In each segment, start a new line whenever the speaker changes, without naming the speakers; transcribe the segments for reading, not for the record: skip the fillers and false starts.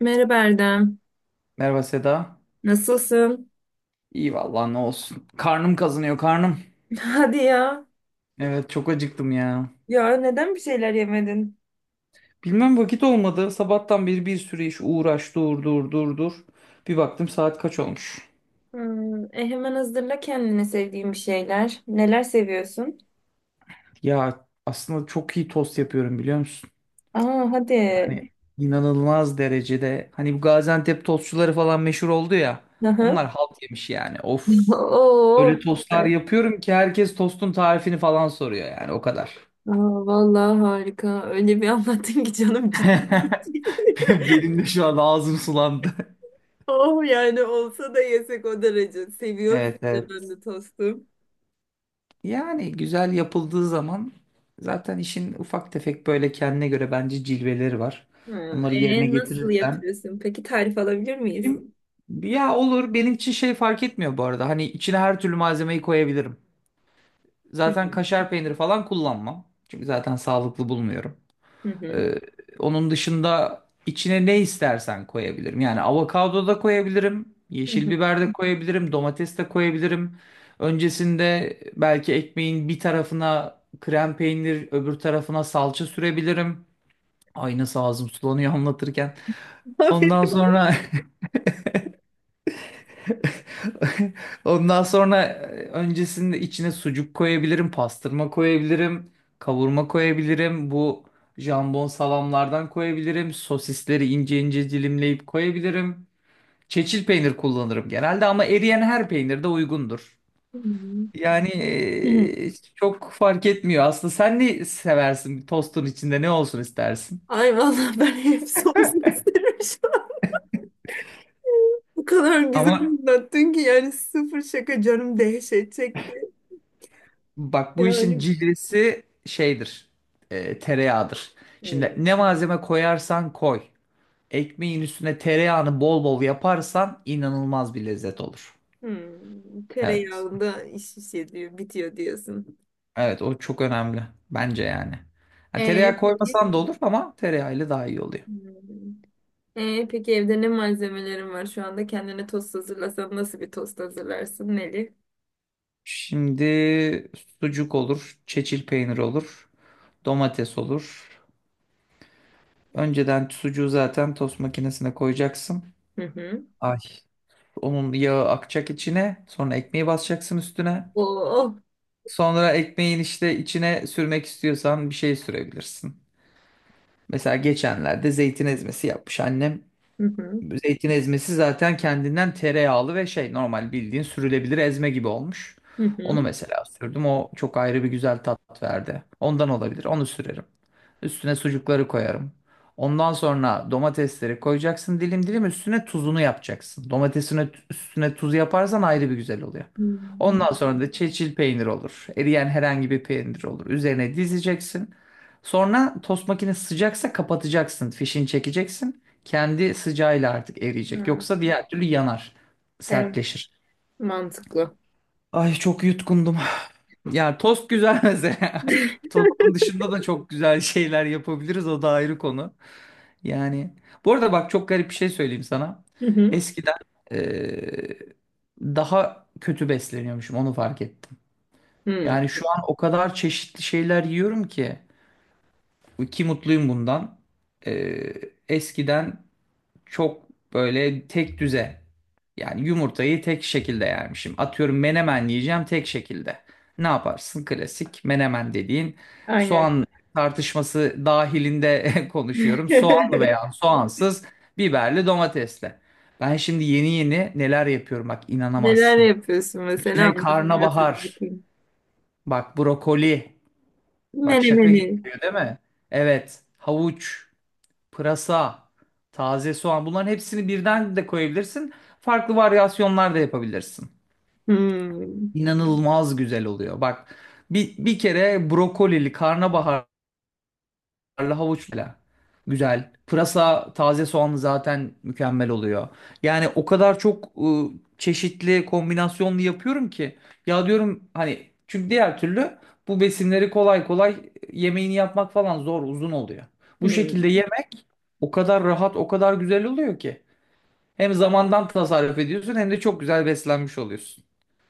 Merhaba Erdem.
Merhaba Seda.
Nasılsın?
İyi vallahi ne olsun. Karnım kazınıyor karnım.
Hadi ya.
Evet çok acıktım ya.
Ya neden bir şeyler yemedin?
Bilmem vakit olmadı. Sabahtan beri bir sürü iş uğraş dur dur dur dur. Bir baktım saat kaç olmuş.
Hmm, hemen hazırla kendine sevdiğin bir şeyler. Neler seviyorsun?
Ya aslında çok iyi tost yapıyorum biliyor musun?
Aa hadi.
Hani inanılmaz derecede. Hani bu Gaziantep tostçuları falan meşhur oldu ya.
Aha.
Onlar halt yemiş yani. Of. Öyle
Oo,
tostlar
süper.
yapıyorum ki herkes tostun tarifini falan soruyor yani o kadar.
Aa, vallahi harika. Öyle bir anlattın ki canım ciddi.
Benim de şu an ağzım sulandı.
Oh yani olsa da yesek o derece. Seviyorum
Evet
bir de ben
evet.
de tostu.
Yani güzel yapıldığı zaman zaten işin ufak tefek böyle kendine göre bence cilveleri var.
Hmm,
Onları yerine
nasıl
getirirsen
yapıyorsun? Peki tarif alabilir miyiz?
benim ya olur benim için şey fark etmiyor bu arada. Hani içine her türlü malzemeyi koyabilirim.
Hı
Zaten
hı.
kaşar peyniri falan kullanmam. Çünkü zaten sağlıklı bulmuyorum.
Hı hı.
Ee, Onun dışında içine ne istersen koyabilirim. Yani avokado da koyabilirim,
Hı
yeşil
hı.
biber de koyabilirim, domates de koyabilirim. Öncesinde belki ekmeğin bir tarafına krem peynir, öbür tarafına salça sürebilirim. Ay nasıl ağzım sulanıyor anlatırken. Ondan sonra Ondan sonra öncesinde içine sucuk koyabilirim, pastırma koyabilirim, kavurma koyabilirim. Bu jambon salamlardan koyabilirim. Sosisleri ince ince dilimleyip koyabilirim. Çeçil peynir kullanırım genelde ama eriyen her peynir de uygundur.
Aferin.
Yani
Hı.
çok fark etmiyor aslında. Sen ne seversin? Tostun içinde ne olsun istersin?
Ay vallahi ben hepsi olsun isterim şu an. Bu kadar güzel
Ama
anlattın ki yani sıfır şaka canım dehşet çekti.
bak bu işin
Yani
cilvesi şeydir. Tereyağıdır.
hmm,
Şimdi ne malzeme koyarsan koy. Ekmeğin üstüne tereyağını bol bol yaparsan inanılmaz bir lezzet olur.
hmm,
Evet.
tereyağında iş bitiyor diyorsun.
Evet o çok önemli. Bence yani. Ha, tereyağı
Peki.
koymasan da olur ama tereyağıyla daha iyi oluyor.
Hmm. Peki evde ne malzemelerin var şu anda? Kendine tost hazırlasan nasıl bir tost hazırlarsın Neli?
Şimdi sucuk olur, çeçil peynir olur, domates olur. Önceden sucuğu zaten tost makinesine koyacaksın.
Hı hı.
Ay, onun yağı akacak içine, sonra ekmeği basacaksın üstüne.
Oo.
Sonra ekmeğin işte içine sürmek istiyorsan bir şey sürebilirsin. Mesela geçenlerde zeytin ezmesi yapmış annem.
Hı hı.
Zeytin ezmesi zaten kendinden tereyağlı ve şey normal bildiğin sürülebilir ezme gibi olmuş.
Hı hı.
Onu mesela sürdüm. O çok ayrı bir güzel tat verdi. Ondan olabilir. Onu sürerim. Üstüne sucukları koyarım. Ondan sonra domatesleri koyacaksın dilim dilim üstüne tuzunu yapacaksın. Domatesine üstüne tuz yaparsan ayrı bir güzel oluyor.
Hmm.
Ondan sonra da çeçil peynir olur. Eriyen herhangi bir peynir olur. Üzerine dizeceksin. Sonra tost makinesi sıcaksa kapatacaksın. Fişini çekeceksin. Kendi sıcağıyla artık eriyecek.
Ha,
Yoksa diğer türlü yanar,
evet,
sertleşir.
mantıklı.
Ay çok yutkundum. Yani tost güzel mesela. Tostun dışında da çok güzel şeyler yapabiliriz. O da ayrı konu. Yani bu arada bak çok garip bir şey söyleyeyim sana.
Hı hı.
Eskiden eee, daha kötü besleniyormuşum onu fark ettim. Yani
Hmm.
şu an o kadar çeşitli şeyler yiyorum ki ki mutluyum bundan. Eskiden çok böyle tek düze. Yani yumurtayı tek şekilde yermişim. Atıyorum menemen yiyeceğim tek şekilde. Ne yaparsın? Klasik menemen dediğin
Aynen.
soğan tartışması dahilinde konuşuyorum. Soğanlı veya soğansız, biberli, domatesle. Ben şimdi yeni yeni neler yapıyorum bak
Neler
inanamazsın.
yapıyorsun mesela
İçine
anlat biraz hadi
karnabahar,
bakayım.
bak brokoli, bak şaka
Menemeni.
gibi geliyor değil mi? Evet, havuç pırasa, taze soğan bunların hepsini birden de koyabilirsin. Farklı varyasyonlar da yapabilirsin.
Hmm.
İnanılmaz güzel oluyor. Bak bir kere brokolili karnabahar Karlı havuçla. Güzel. Pırasa, taze soğanlı zaten mükemmel oluyor. Yani o kadar çok çeşitli kombinasyonlu yapıyorum ki. Ya diyorum hani çünkü diğer türlü bu besinleri kolay kolay yemeğini yapmak falan zor, uzun oluyor. Bu şekilde
Hmm.
yemek o kadar rahat, o kadar güzel oluyor ki. Hem zamandan tasarruf ediyorsun hem de çok güzel beslenmiş oluyorsun.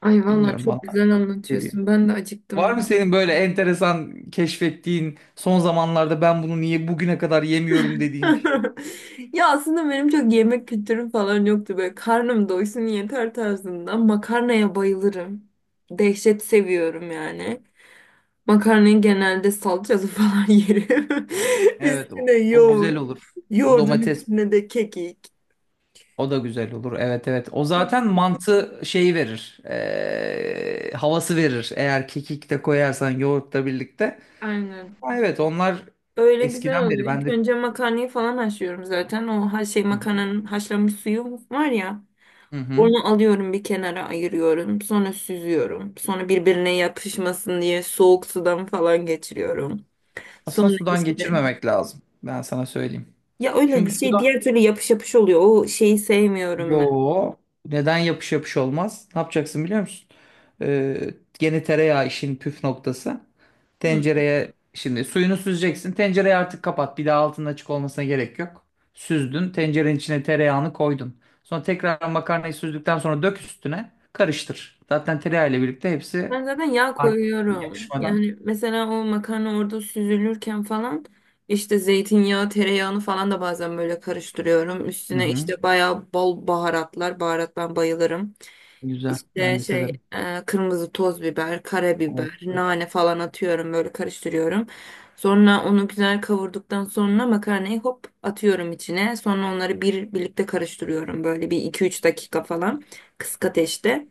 Ay vallahi
Bilmiyorum bana
çok güzel
geliyor.
anlatıyorsun. Ben de
Var mı
acıktım.
senin böyle enteresan keşfettiğin son zamanlarda ben bunu niye bugüne kadar yemiyorum dediğin bir şey?
Ya aslında benim çok yemek kültürüm falan yoktu. Böyle karnım doysun yeter tarzında. Makarnaya bayılırım. Dehşet seviyorum yani. Makarnayı genelde salçalı falan yerim.
Evet o,
Üstüne
o güzel
yoğurt.
olur.
Yoğurdun
Domates
üstüne de kekik.
o da güzel olur. Evet evet. O zaten mantı şeyi verir. Havası verir. Eğer kekik de koyarsan yoğurtla birlikte.
Aynen.
Ha, evet onlar
Öyle güzel
eskiden beri
oluyor.
ben
İlk
de...
önce makarnayı falan haşlıyorum zaten. O her şey
Hı hı.
makarnanın haşlanmış suyu var ya.
Hı hı.
Onu alıyorum bir kenara ayırıyorum. Sonra süzüyorum. Sonra birbirine yapışmasın diye soğuk sudan falan geçiriyorum.
Aslında
Sonra
sudan
işte
geçirmemek lazım. Ben sana söyleyeyim.
ya öyle
Çünkü su
şey diğer türlü yapış yapış oluyor. O şeyi sevmiyorum ben.
Yo. Neden yapış yapış olmaz? Ne yapacaksın biliyor musun? Ee, Gene tereyağı işin püf noktası.
Hı.
Tencereye şimdi suyunu süzeceksin. Tencereyi artık kapat. Bir daha altının açık olmasına gerek yok. Süzdün. Tencerenin içine tereyağını koydun. Sonra tekrar makarnayı süzdükten sonra dök üstüne. Karıştır. Zaten tereyağı ile birlikte hepsi
Ben zaten yağ
artık
koyuyorum.
yapışmadan.
Yani mesela o makarna orada süzülürken falan işte zeytinyağı, tereyağını falan da bazen böyle karıştırıyorum.
Hı
Üstüne
hı.
işte bayağı bol baharatlar. Baharat ben bayılırım.
Güzel.
İşte
Ben de severim.
kırmızı toz biber, karabiber,
Olabilir.
nane falan atıyorum böyle karıştırıyorum. Sonra onu güzel kavurduktan sonra makarnayı hop atıyorum içine. Sonra onları bir birlikte karıştırıyorum böyle bir iki üç dakika falan kısık ateşte.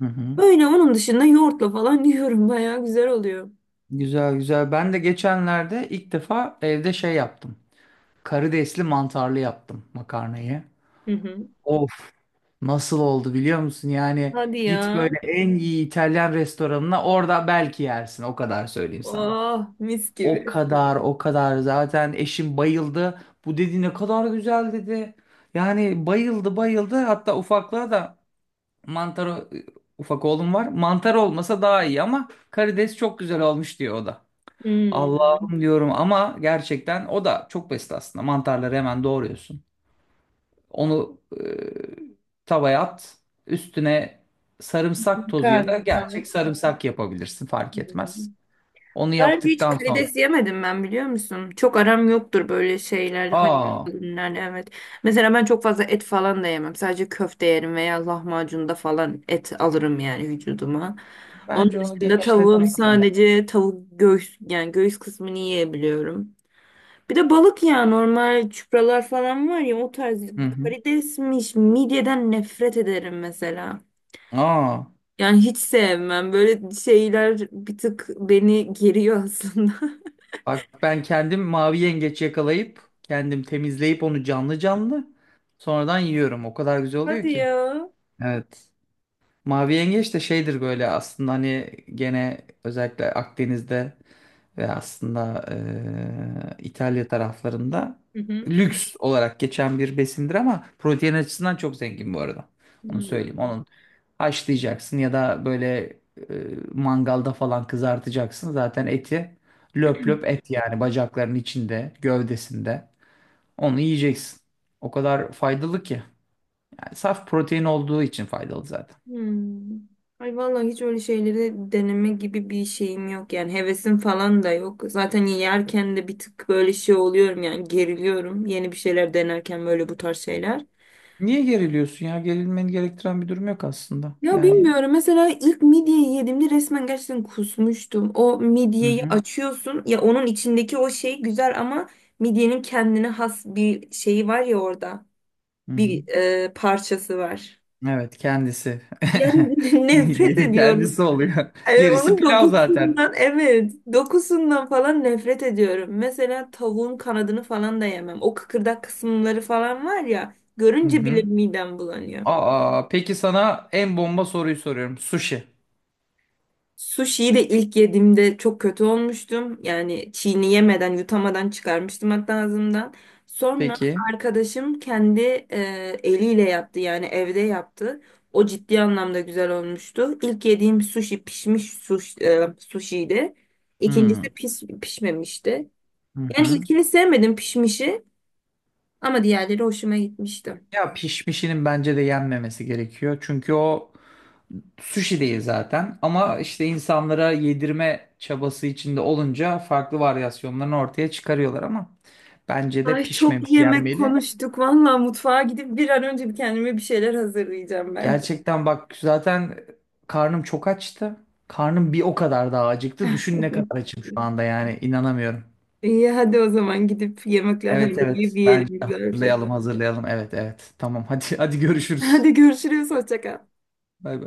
Hı hı.
Böyle onun dışında yoğurtla falan yiyorum. Bayağı güzel oluyor.
Güzel güzel. Ben de geçenlerde ilk defa evde şey yaptım. Karidesli mantarlı yaptım makarnayı.
Hı hı.
Of nasıl oldu biliyor musun? Yani
Hadi
git
ya.
böyle en iyi İtalyan restoranına orada belki yersin o kadar söyleyeyim sana.
Oh mis
O
gibi.
kadar o kadar zaten eşim bayıldı. Bu dedi ne kadar güzel dedi. Yani bayıldı bayıldı hatta ufaklığa da mantar e, ufak oğlum var. Mantar olmasa daha iyi ama karides çok güzel olmuş diyor o da.
Hmm,
Allah'ım diyorum ama gerçekten o da çok basit aslında. Mantarları hemen doğruyorsun. Onu tavaya at. Üstüne sarımsak tozu ya da
karnı
gerçek
falan.
sarımsak yapabilirsin fark etmez.
Hmm.
Onu
Sadece hiç
yaptıktan sonra
karides yemedim ben biliyor musun? Çok aram yoktur böyle şeyler, hayvan
aa
ürünlerle evet. Mesela ben çok fazla et falan da yemem. Sadece köfte yerim veya lahmacunda falan et alırım yani vücuduma. Onun
bence onu
dışında tavuğun
genişletmek lazım.
sadece tavuk göğüs yani göğüs kısmını yiyebiliyorum. Bir de balık ya normal çupralar falan var ya o tarz
Hı hı.
karidesmiş midyeden nefret ederim mesela.
Aa
Yani hiç sevmem böyle şeyler bir tık beni geriyor aslında.
bak ben kendim mavi yengeç yakalayıp kendim temizleyip onu canlı canlı sonradan yiyorum. O kadar güzel oluyor
Hadi
ki.
ya.
Evet. Mavi yengeç de şeydir böyle aslında hani gene özellikle Akdeniz'de ve aslında İtalya taraflarında
Hı hı.
lüks olarak geçen bir besindir ama protein açısından çok zengin bu arada. Onu söyleyeyim.
Hmm.
Onun haşlayacaksın ya da böyle eee, mangalda falan kızartacaksın. Zaten eti löp löp et yani bacaklarının içinde, gövdesinde. Onu yiyeceksin. O kadar faydalı ki. Yani saf protein olduğu için faydalı zaten.
Hmm. Ay vallahi hiç öyle şeyleri deneme gibi bir şeyim yok yani hevesim falan da yok. Zaten yerken de bir tık böyle şey oluyorum yani geriliyorum yeni bir şeyler denerken böyle bu tarz şeyler.
Niye geriliyorsun ya? Gerilmeni gerektiren bir durum yok aslında.
Ya
Yani
bilmiyorum. Mesela ilk midyeyi yediğimde resmen gerçekten kusmuştum. O
Hı
midyeyi
hı.
açıyorsun. Ya onun içindeki o şey güzel ama midyenin kendine has bir şeyi var ya orada.
Hı hı.
Bir parçası var.
Evet kendisi.
Yani nefret
Midyenin
ediyorum.
kendisi oluyor. Gerisi
Onun
pilav zaten.
dokusundan evet. Dokusundan falan nefret ediyorum. Mesela tavuğun kanadını falan da yemem. O kıkırdak kısımları falan var ya.
Hı
Görünce bile
hı.
midem bulanıyor.
Aa, peki sana en bomba soruyu soruyorum. Sushi.
Sushi'yi de ilk yediğimde çok kötü olmuştum. Yani çiğneyemeden, yutamadan çıkarmıştım hatta ağzımdan. Sonra
Peki.
arkadaşım kendi e, eliyle yaptı yani evde yaptı. O ciddi anlamda güzel olmuştu. İlk yediğim sushi pişmiş sushi'ydi.
Hmm.
İkincisi pişmemişti.
Hı
Yani
hı.
ilkini sevmedim pişmişi ama diğerleri hoşuma gitmişti.
Ya pişmişinin bence de yenmemesi gerekiyor. Çünkü o sushi değil zaten. Ama işte insanlara yedirme çabası içinde olunca farklı varyasyonlarını ortaya çıkarıyorlar ama bence de
Ay çok
pişmemiş
yemek
yenmeli.
konuştuk. Vallahi mutfağa gidip bir an önce bir kendime bir şeyler hazırlayacağım ben.
Gerçekten bak zaten karnım çok açtı. Karnım bir o kadar daha acıktı. Düşün ne kadar açım şu anda yani inanamıyorum.
İyi hadi o zaman gidip yemekler
Evet
hazırlayıp
evet bence
yiyelim güzelce.
hazırlayalım hazırlayalım. Evet evet tamam hadi hadi görüşürüz.
Hadi görüşürüz. Hoşça kal.
Bay bay.